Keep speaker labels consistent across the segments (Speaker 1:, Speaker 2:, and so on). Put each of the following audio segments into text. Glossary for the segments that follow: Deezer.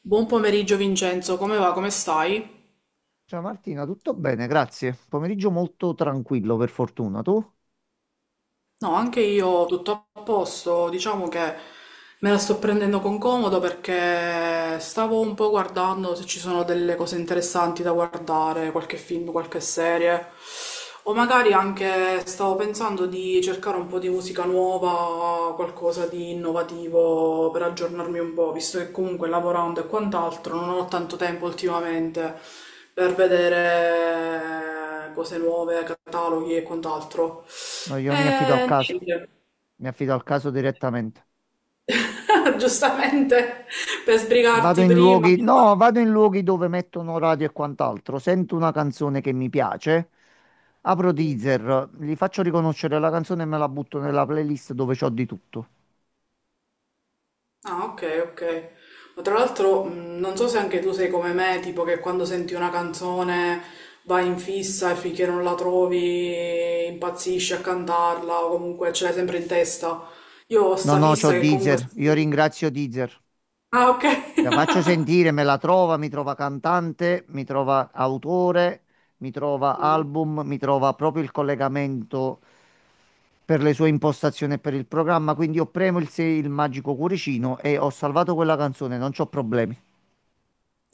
Speaker 1: Buon pomeriggio Vincenzo, come va? Come stai?
Speaker 2: Ciao Martina, tutto bene, grazie. Pomeriggio molto tranquillo, per fortuna. Tu?
Speaker 1: No, anche io tutto a posto, diciamo che me la sto prendendo con comodo perché stavo un po' guardando se ci sono delle cose interessanti da guardare, qualche film, qualche serie, o magari anche stavo pensando di cercare un po' di musica nuova, qualcosa di innovativo per aggiornarmi un po', visto che comunque lavorando e quant'altro non ho tanto tempo ultimamente per vedere cose nuove, cataloghi e quant'altro.
Speaker 2: No, io mi affido al
Speaker 1: Eh,
Speaker 2: caso.
Speaker 1: Niente.
Speaker 2: Mi affido al caso direttamente.
Speaker 1: Giustamente per
Speaker 2: Vado
Speaker 1: sbrigarti
Speaker 2: in
Speaker 1: prima.
Speaker 2: luoghi, no, vado in luoghi dove mettono radio e quant'altro. Sento una canzone che mi piace, apro
Speaker 1: Mm.
Speaker 2: Deezer, gli faccio riconoscere la canzone e me la butto nella playlist dove c'ho di tutto.
Speaker 1: Ah, ok, ok. Ma tra l'altro, non so se anche tu sei come me, tipo che quando senti una canzone vai in fissa e finché non la trovi impazzisci a cantarla o comunque ce l'hai sempre in testa. Io ho
Speaker 2: No,
Speaker 1: sta
Speaker 2: no, c'ho
Speaker 1: fissa che comunque...
Speaker 2: Deezer. Io ringrazio Deezer.
Speaker 1: Ah, ok.
Speaker 2: La faccio sentire, me la trova, mi trova cantante, mi trova autore, mi trova album, mi trova proprio il collegamento per le sue impostazioni e per il programma. Quindi io premo il, il magico cuoricino e ho salvato quella canzone, non c'ho problemi.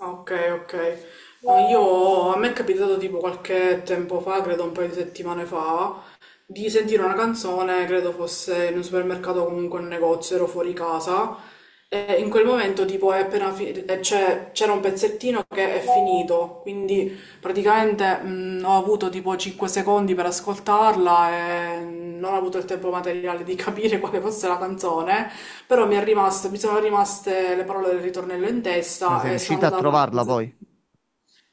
Speaker 1: Ok, ok. No, io, a me è capitato tipo qualche tempo fa, credo un paio di settimane fa, di sentire una canzone, credo fosse in un supermercato o comunque in un negozio, ero fuori casa. E in quel momento, tipo, è appena fi- c'è- c'era un pezzettino che è finito, quindi praticamente ho avuto tipo 5 secondi per ascoltarla e non ho avuto il tempo materiale di capire quale fosse la canzone, però mi è rimasto, mi sono rimaste le parole del ritornello in
Speaker 2: Ma sei
Speaker 1: testa e sono
Speaker 2: riuscita a
Speaker 1: andata
Speaker 2: trovarla
Speaker 1: avanti.
Speaker 2: poi?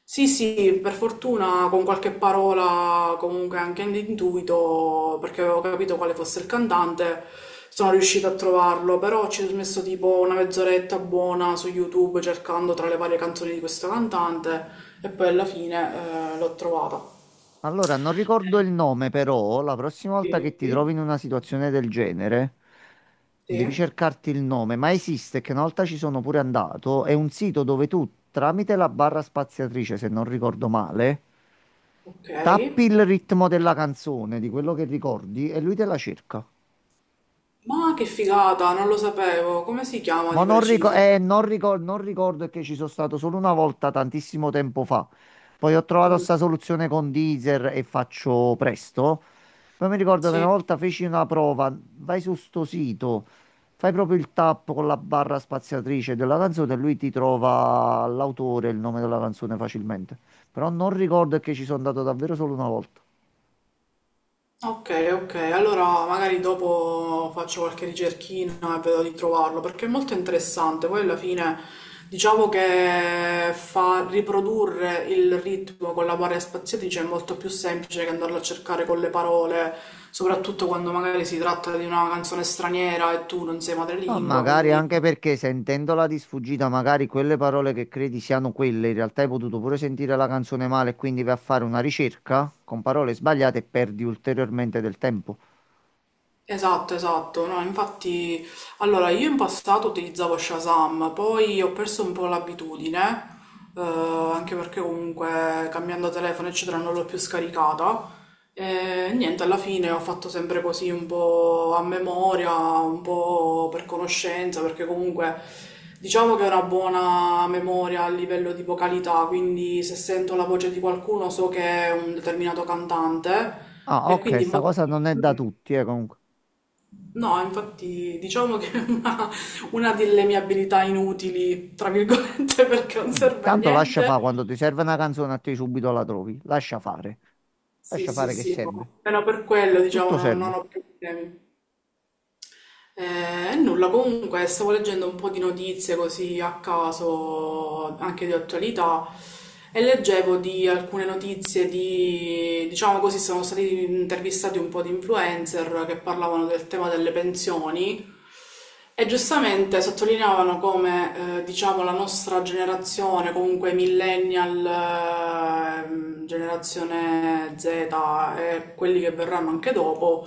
Speaker 1: Sì, sì, per fortuna con qualche parola, comunque anche all'intuito, perché avevo capito quale fosse il cantante, sono riuscita a trovarlo, però ci ho messo tipo una mezz'oretta buona su YouTube cercando tra le varie canzoni di questo cantante e poi alla fine l'ho trovata.
Speaker 2: Allora, non ricordo il nome, però la prossima volta che ti trovi
Speaker 1: Sì,
Speaker 2: in una situazione del genere,
Speaker 1: sì,
Speaker 2: devi cercarti il nome, ma esiste, che una volta ci sono pure andato, è un sito dove tu, tramite la barra spaziatrice, se non ricordo male,
Speaker 1: ok.
Speaker 2: tappi il ritmo della canzone, di quello che ricordi, e lui te la cerca.
Speaker 1: Ma che figata, non lo sapevo, come si chiama di preciso?
Speaker 2: Non ricordo, è che ci sono stato solo una volta tantissimo tempo fa. Poi ho trovato
Speaker 1: Mm.
Speaker 2: sta soluzione con Deezer e faccio presto. Poi mi ricordo che una
Speaker 1: Sì.
Speaker 2: volta feci una prova, vai su sto sito, fai proprio il tap con la barra spaziatrice della canzone e lui ti trova l'autore e il nome della canzone facilmente. Però non ricordo, è che ci sono andato davvero solo una volta.
Speaker 1: Ok, ok, allora magari dopo faccio qualche ricerchina e vedo di trovarlo perché è molto interessante. Poi alla fine diciamo che fa riprodurre il ritmo con la varia spaziatrice è molto più semplice che andarlo a cercare con le parole, soprattutto quando magari si tratta di una canzone straniera e tu non sei
Speaker 2: Ma
Speaker 1: madrelingua,
Speaker 2: magari
Speaker 1: quindi
Speaker 2: anche perché sentendola di sfuggita, magari quelle parole che credi siano quelle, in realtà hai potuto pure sentire la canzone male e quindi vai a fare una ricerca con parole sbagliate e perdi ulteriormente del tempo.
Speaker 1: esatto, esatto, no, infatti, allora io in passato utilizzavo Shazam, poi ho perso un po' l'abitudine, eh, anche perché comunque cambiando telefono eccetera non l'ho più scaricata e niente, alla fine ho fatto sempre così un po' a memoria, un po' per conoscenza, perché comunque diciamo che ho una buona memoria a livello di vocalità, quindi se sento la voce di qualcuno so che è un determinato cantante
Speaker 2: Ah,
Speaker 1: e
Speaker 2: ok,
Speaker 1: quindi...
Speaker 2: sta cosa non è da tutti, comunque.
Speaker 1: No, infatti diciamo che è una delle mie abilità inutili, tra virgolette, perché non
Speaker 2: Mm.
Speaker 1: serve a
Speaker 2: Tanto lascia fare,
Speaker 1: niente.
Speaker 2: quando ti serve una canzone a te subito la trovi. Lascia fare.
Speaker 1: Sì,
Speaker 2: Lascia
Speaker 1: sì,
Speaker 2: fare che
Speaker 1: sì,
Speaker 2: serve.
Speaker 1: no. Meno per quello, diciamo,
Speaker 2: Tutto
Speaker 1: non, non
Speaker 2: serve.
Speaker 1: ho più problemi. Nulla, comunque stavo leggendo un po' di notizie così a caso, anche di attualità, e leggevo di alcune notizie di, diciamo così, sono stati intervistati un po' di influencer che parlavano del tema delle pensioni. E giustamente sottolineavano come, diciamo, la nostra generazione, comunque millennial, generazione Z e quelli che verranno anche dopo,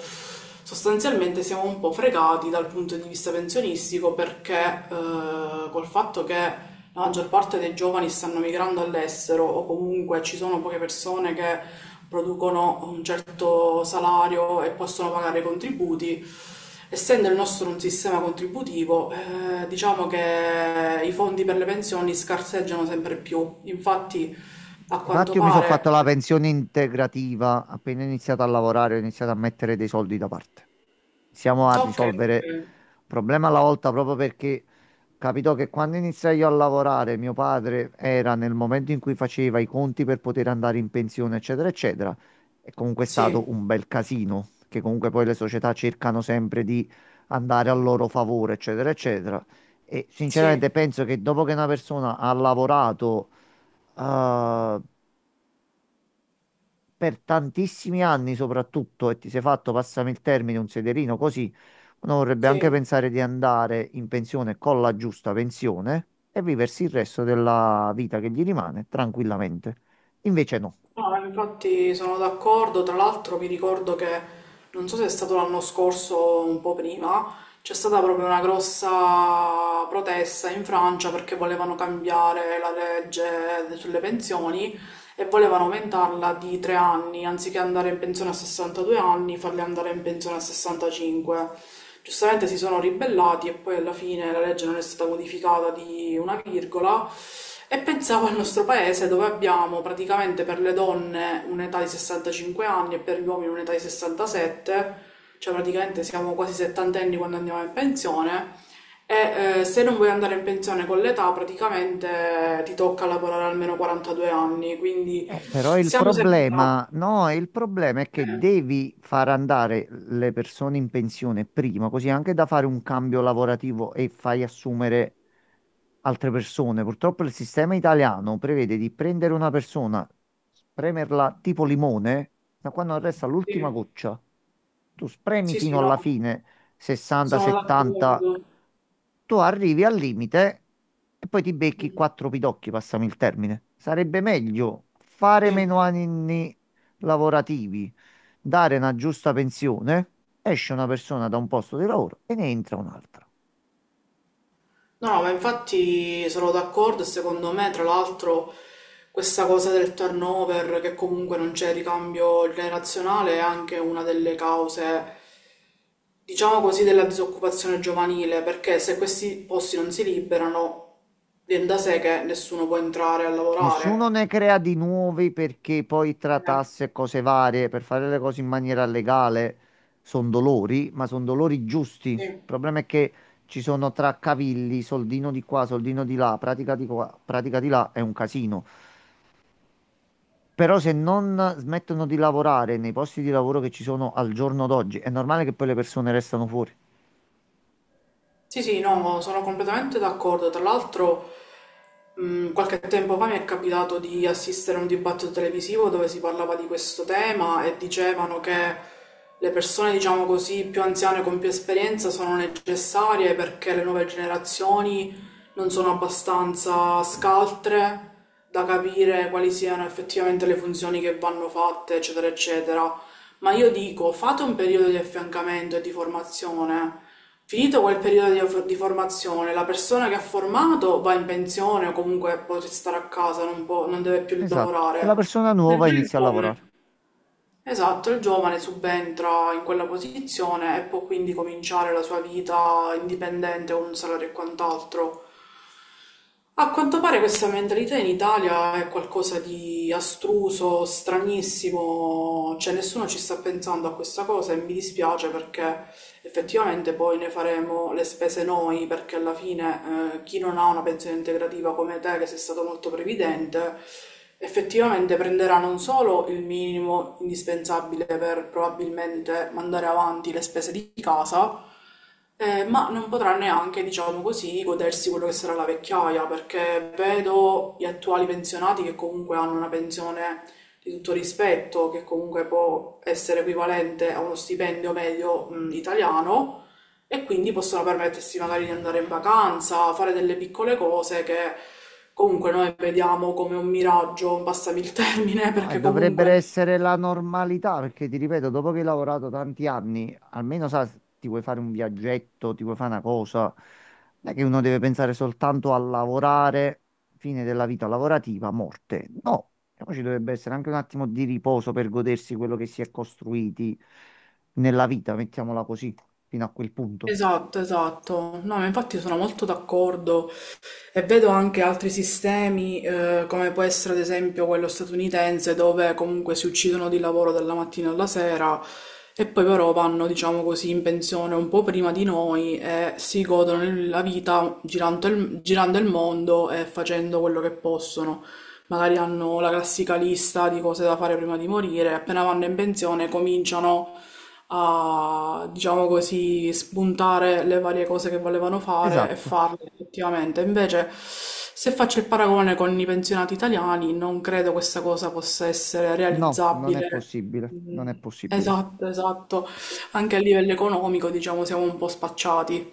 Speaker 1: sostanzialmente siamo un po' fregati dal punto di vista pensionistico perché col fatto che la maggior parte dei giovani stanno migrando all'estero o comunque ci sono poche persone che producono un certo salario e possono pagare i contributi. Essendo il nostro un sistema contributivo, diciamo che i fondi per le pensioni scarseggiano sempre più. Infatti, a
Speaker 2: Difatti
Speaker 1: quanto
Speaker 2: io mi sono fatto la
Speaker 1: pare...
Speaker 2: pensione integrativa, appena iniziato a lavorare ho iniziato a mettere dei soldi da parte. Siamo a
Speaker 1: Ok,
Speaker 2: risolvere un problema alla volta proprio perché capito che quando iniziai io a lavorare, mio padre era nel momento in cui faceva i conti per poter andare in pensione, eccetera, eccetera. È comunque
Speaker 1: sì,
Speaker 2: stato un bel casino, che comunque poi le società cercano sempre di andare a loro favore, eccetera, eccetera. E
Speaker 1: sì,
Speaker 2: sinceramente penso che dopo che una persona ha lavorato eh, per tantissimi anni soprattutto e ti sei fatto, passami il termine, un sederino così, uno vorrebbe anche
Speaker 1: sì.
Speaker 2: pensare di andare in pensione con la giusta pensione e viversi il resto della vita che gli rimane tranquillamente. Invece no.
Speaker 1: No, infatti sono d'accordo, tra l'altro mi ricordo che, non so se è stato l'anno scorso o un po' prima, c'è stata proprio una grossa protesta in Francia perché volevano cambiare la legge sulle pensioni e volevano aumentarla di 3 anni, anziché andare in pensione a 62 anni, farli andare in pensione a 65. Giustamente si sono ribellati e poi alla fine la legge non è stata modificata di una virgola. E pensavo al nostro paese dove abbiamo praticamente per le donne un'età di 65 anni e per gli uomini un'età di 67, cioè praticamente siamo quasi settantenni quando andiamo in pensione e se non vuoi andare in pensione con l'età, praticamente ti tocca lavorare almeno 42 anni, quindi
Speaker 2: Però il
Speaker 1: siamo sempre là.
Speaker 2: problema, no, il problema è che
Speaker 1: Eh,
Speaker 2: devi far andare le persone in pensione prima, così anche da fare un cambio lavorativo e fai assumere altre persone. Purtroppo il sistema italiano prevede di prendere una persona, spremerla tipo limone, da quando resta
Speaker 1: sì,
Speaker 2: l'ultima goccia. Tu spremi
Speaker 1: sì,
Speaker 2: fino
Speaker 1: sì,
Speaker 2: alla
Speaker 1: no,
Speaker 2: fine, 60,
Speaker 1: sono
Speaker 2: 70,
Speaker 1: d'accordo.
Speaker 2: tu arrivi al limite e poi ti becchi
Speaker 1: Mm.
Speaker 2: quattro pidocchi, passami il termine. Sarebbe meglio fare
Speaker 1: Sì.
Speaker 2: meno anni lavorativi, dare una giusta pensione, esce una persona da un posto di lavoro e ne entra un'altra.
Speaker 1: No, ma infatti sono d'accordo e secondo me, tra l'altro, questa cosa del turnover, che comunque non c'è ricambio generazionale, è anche una delle cause, diciamo così, della disoccupazione giovanile, perché se questi posti non si liberano, viene da sé che nessuno può entrare a lavorare.
Speaker 2: Nessuno ne crea di nuovi perché poi tra
Speaker 1: Eh,
Speaker 2: tasse e cose varie, per fare le cose in maniera legale, sono dolori, ma sono dolori giusti. Il
Speaker 1: sì.
Speaker 2: problema è che ci sono traccavigli, soldino di qua, soldino di là, pratica di qua, pratica di là, è un casino. Però se non smettono di lavorare nei posti di lavoro che ci sono al giorno d'oggi, è normale che poi le persone restano fuori.
Speaker 1: Sì, sì, no, sono completamente d'accordo. Tra l'altro, qualche tempo fa mi è capitato di assistere a un dibattito televisivo dove si parlava di questo tema e dicevano che le persone, diciamo così, più anziane con più esperienza sono necessarie perché le nuove generazioni non sono abbastanza scaltre da capire quali siano effettivamente le funzioni che vanno fatte, eccetera, eccetera. Ma io dico, fate un periodo di affiancamento e di formazione. Finito quel periodo di formazione, la persona che ha formato va in pensione o comunque può restare a casa, non deve più
Speaker 2: Esatto. E la
Speaker 1: lavorare.
Speaker 2: persona nuova
Speaker 1: Mentre il
Speaker 2: inizia a lavorare.
Speaker 1: giovane. Esatto, il giovane subentra in quella posizione e può quindi cominciare la sua vita indipendente con un salario e quant'altro. A quanto pare questa mentalità in Italia è qualcosa di astruso, stranissimo, cioè nessuno ci sta pensando a questa cosa e mi dispiace perché effettivamente poi ne faremo le spese noi, perché alla fine chi non ha una pensione integrativa come te, che sei stato molto previdente, effettivamente prenderà non solo il minimo indispensabile per probabilmente mandare avanti le spese di casa, ma non potrà neanche, diciamo così, godersi quello che sarà la vecchiaia, perché vedo gli attuali pensionati che comunque hanno una pensione di tutto rispetto, che comunque può essere equivalente a uno stipendio medio, italiano, e quindi possono permettersi magari di andare in vacanza, fare delle piccole cose che comunque noi vediamo come un miraggio, passami il termine,
Speaker 2: Ah,
Speaker 1: perché
Speaker 2: dovrebbero
Speaker 1: comunque...
Speaker 2: essere la normalità, perché ti ripeto, dopo che hai lavorato tanti anni, almeno sa, ti vuoi fare un viaggetto, ti vuoi fare una cosa. Non è che uno deve pensare soltanto a lavorare, fine della vita lavorativa, morte. No. E poi ci dovrebbe essere anche un attimo di riposo per godersi quello che si è costruiti nella vita, mettiamola così, fino a quel punto.
Speaker 1: Esatto, esatto. No, ma infatti sono molto d'accordo. E vedo anche altri sistemi, come può essere ad esempio quello statunitense, dove comunque si uccidono di lavoro dalla mattina alla sera e poi però vanno, diciamo così, in pensione un po' prima di noi e si godono la vita girando il mondo e facendo quello che possono. Magari hanno la classica lista di cose da fare prima di morire, appena vanno in pensione cominciano a, diciamo così, spuntare le varie cose che volevano fare e
Speaker 2: Esatto.
Speaker 1: farle effettivamente. Invece, se faccio il paragone con i pensionati italiani, non credo questa cosa possa essere
Speaker 2: No, non è
Speaker 1: realizzabile.
Speaker 2: possibile, non è
Speaker 1: Mm.
Speaker 2: possibile.
Speaker 1: Esatto, esatto. Anche a livello economico, diciamo, siamo un po' spacciati.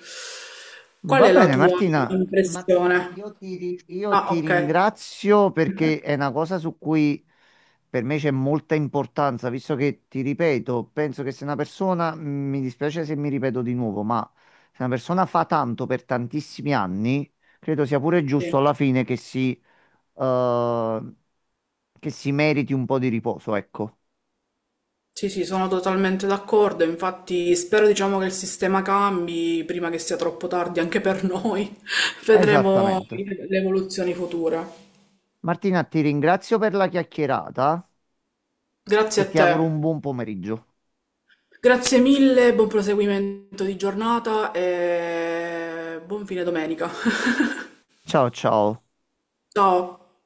Speaker 1: Qual
Speaker 2: Va
Speaker 1: è la
Speaker 2: bene,
Speaker 1: tua
Speaker 2: Martina. Martina,
Speaker 1: impressione?
Speaker 2: io ti, io
Speaker 1: Ah,
Speaker 2: ti
Speaker 1: ok.
Speaker 2: ringrazio perché è una cosa su cui per me c'è molta importanza, visto che ti ripeto, penso che se una persona, mi dispiace se mi ripeto di nuovo, ma se una persona fa tanto per tantissimi anni, credo sia pure giusto
Speaker 1: Sì.
Speaker 2: alla fine eh, che si meriti un po' di riposo, ecco.
Speaker 1: Sì, sì, sono totalmente d'accordo, infatti spero diciamo che il sistema cambi prima che sia troppo tardi anche per noi. Vedremo
Speaker 2: Esattamente.
Speaker 1: le evoluzioni future.
Speaker 2: Martina, ti ringrazio per la chiacchierata e
Speaker 1: Grazie a
Speaker 2: ti auguro un
Speaker 1: te.
Speaker 2: buon pomeriggio.
Speaker 1: Grazie mille, buon proseguimento di giornata e buon fine domenica.
Speaker 2: Ciao ciao.
Speaker 1: Ciao.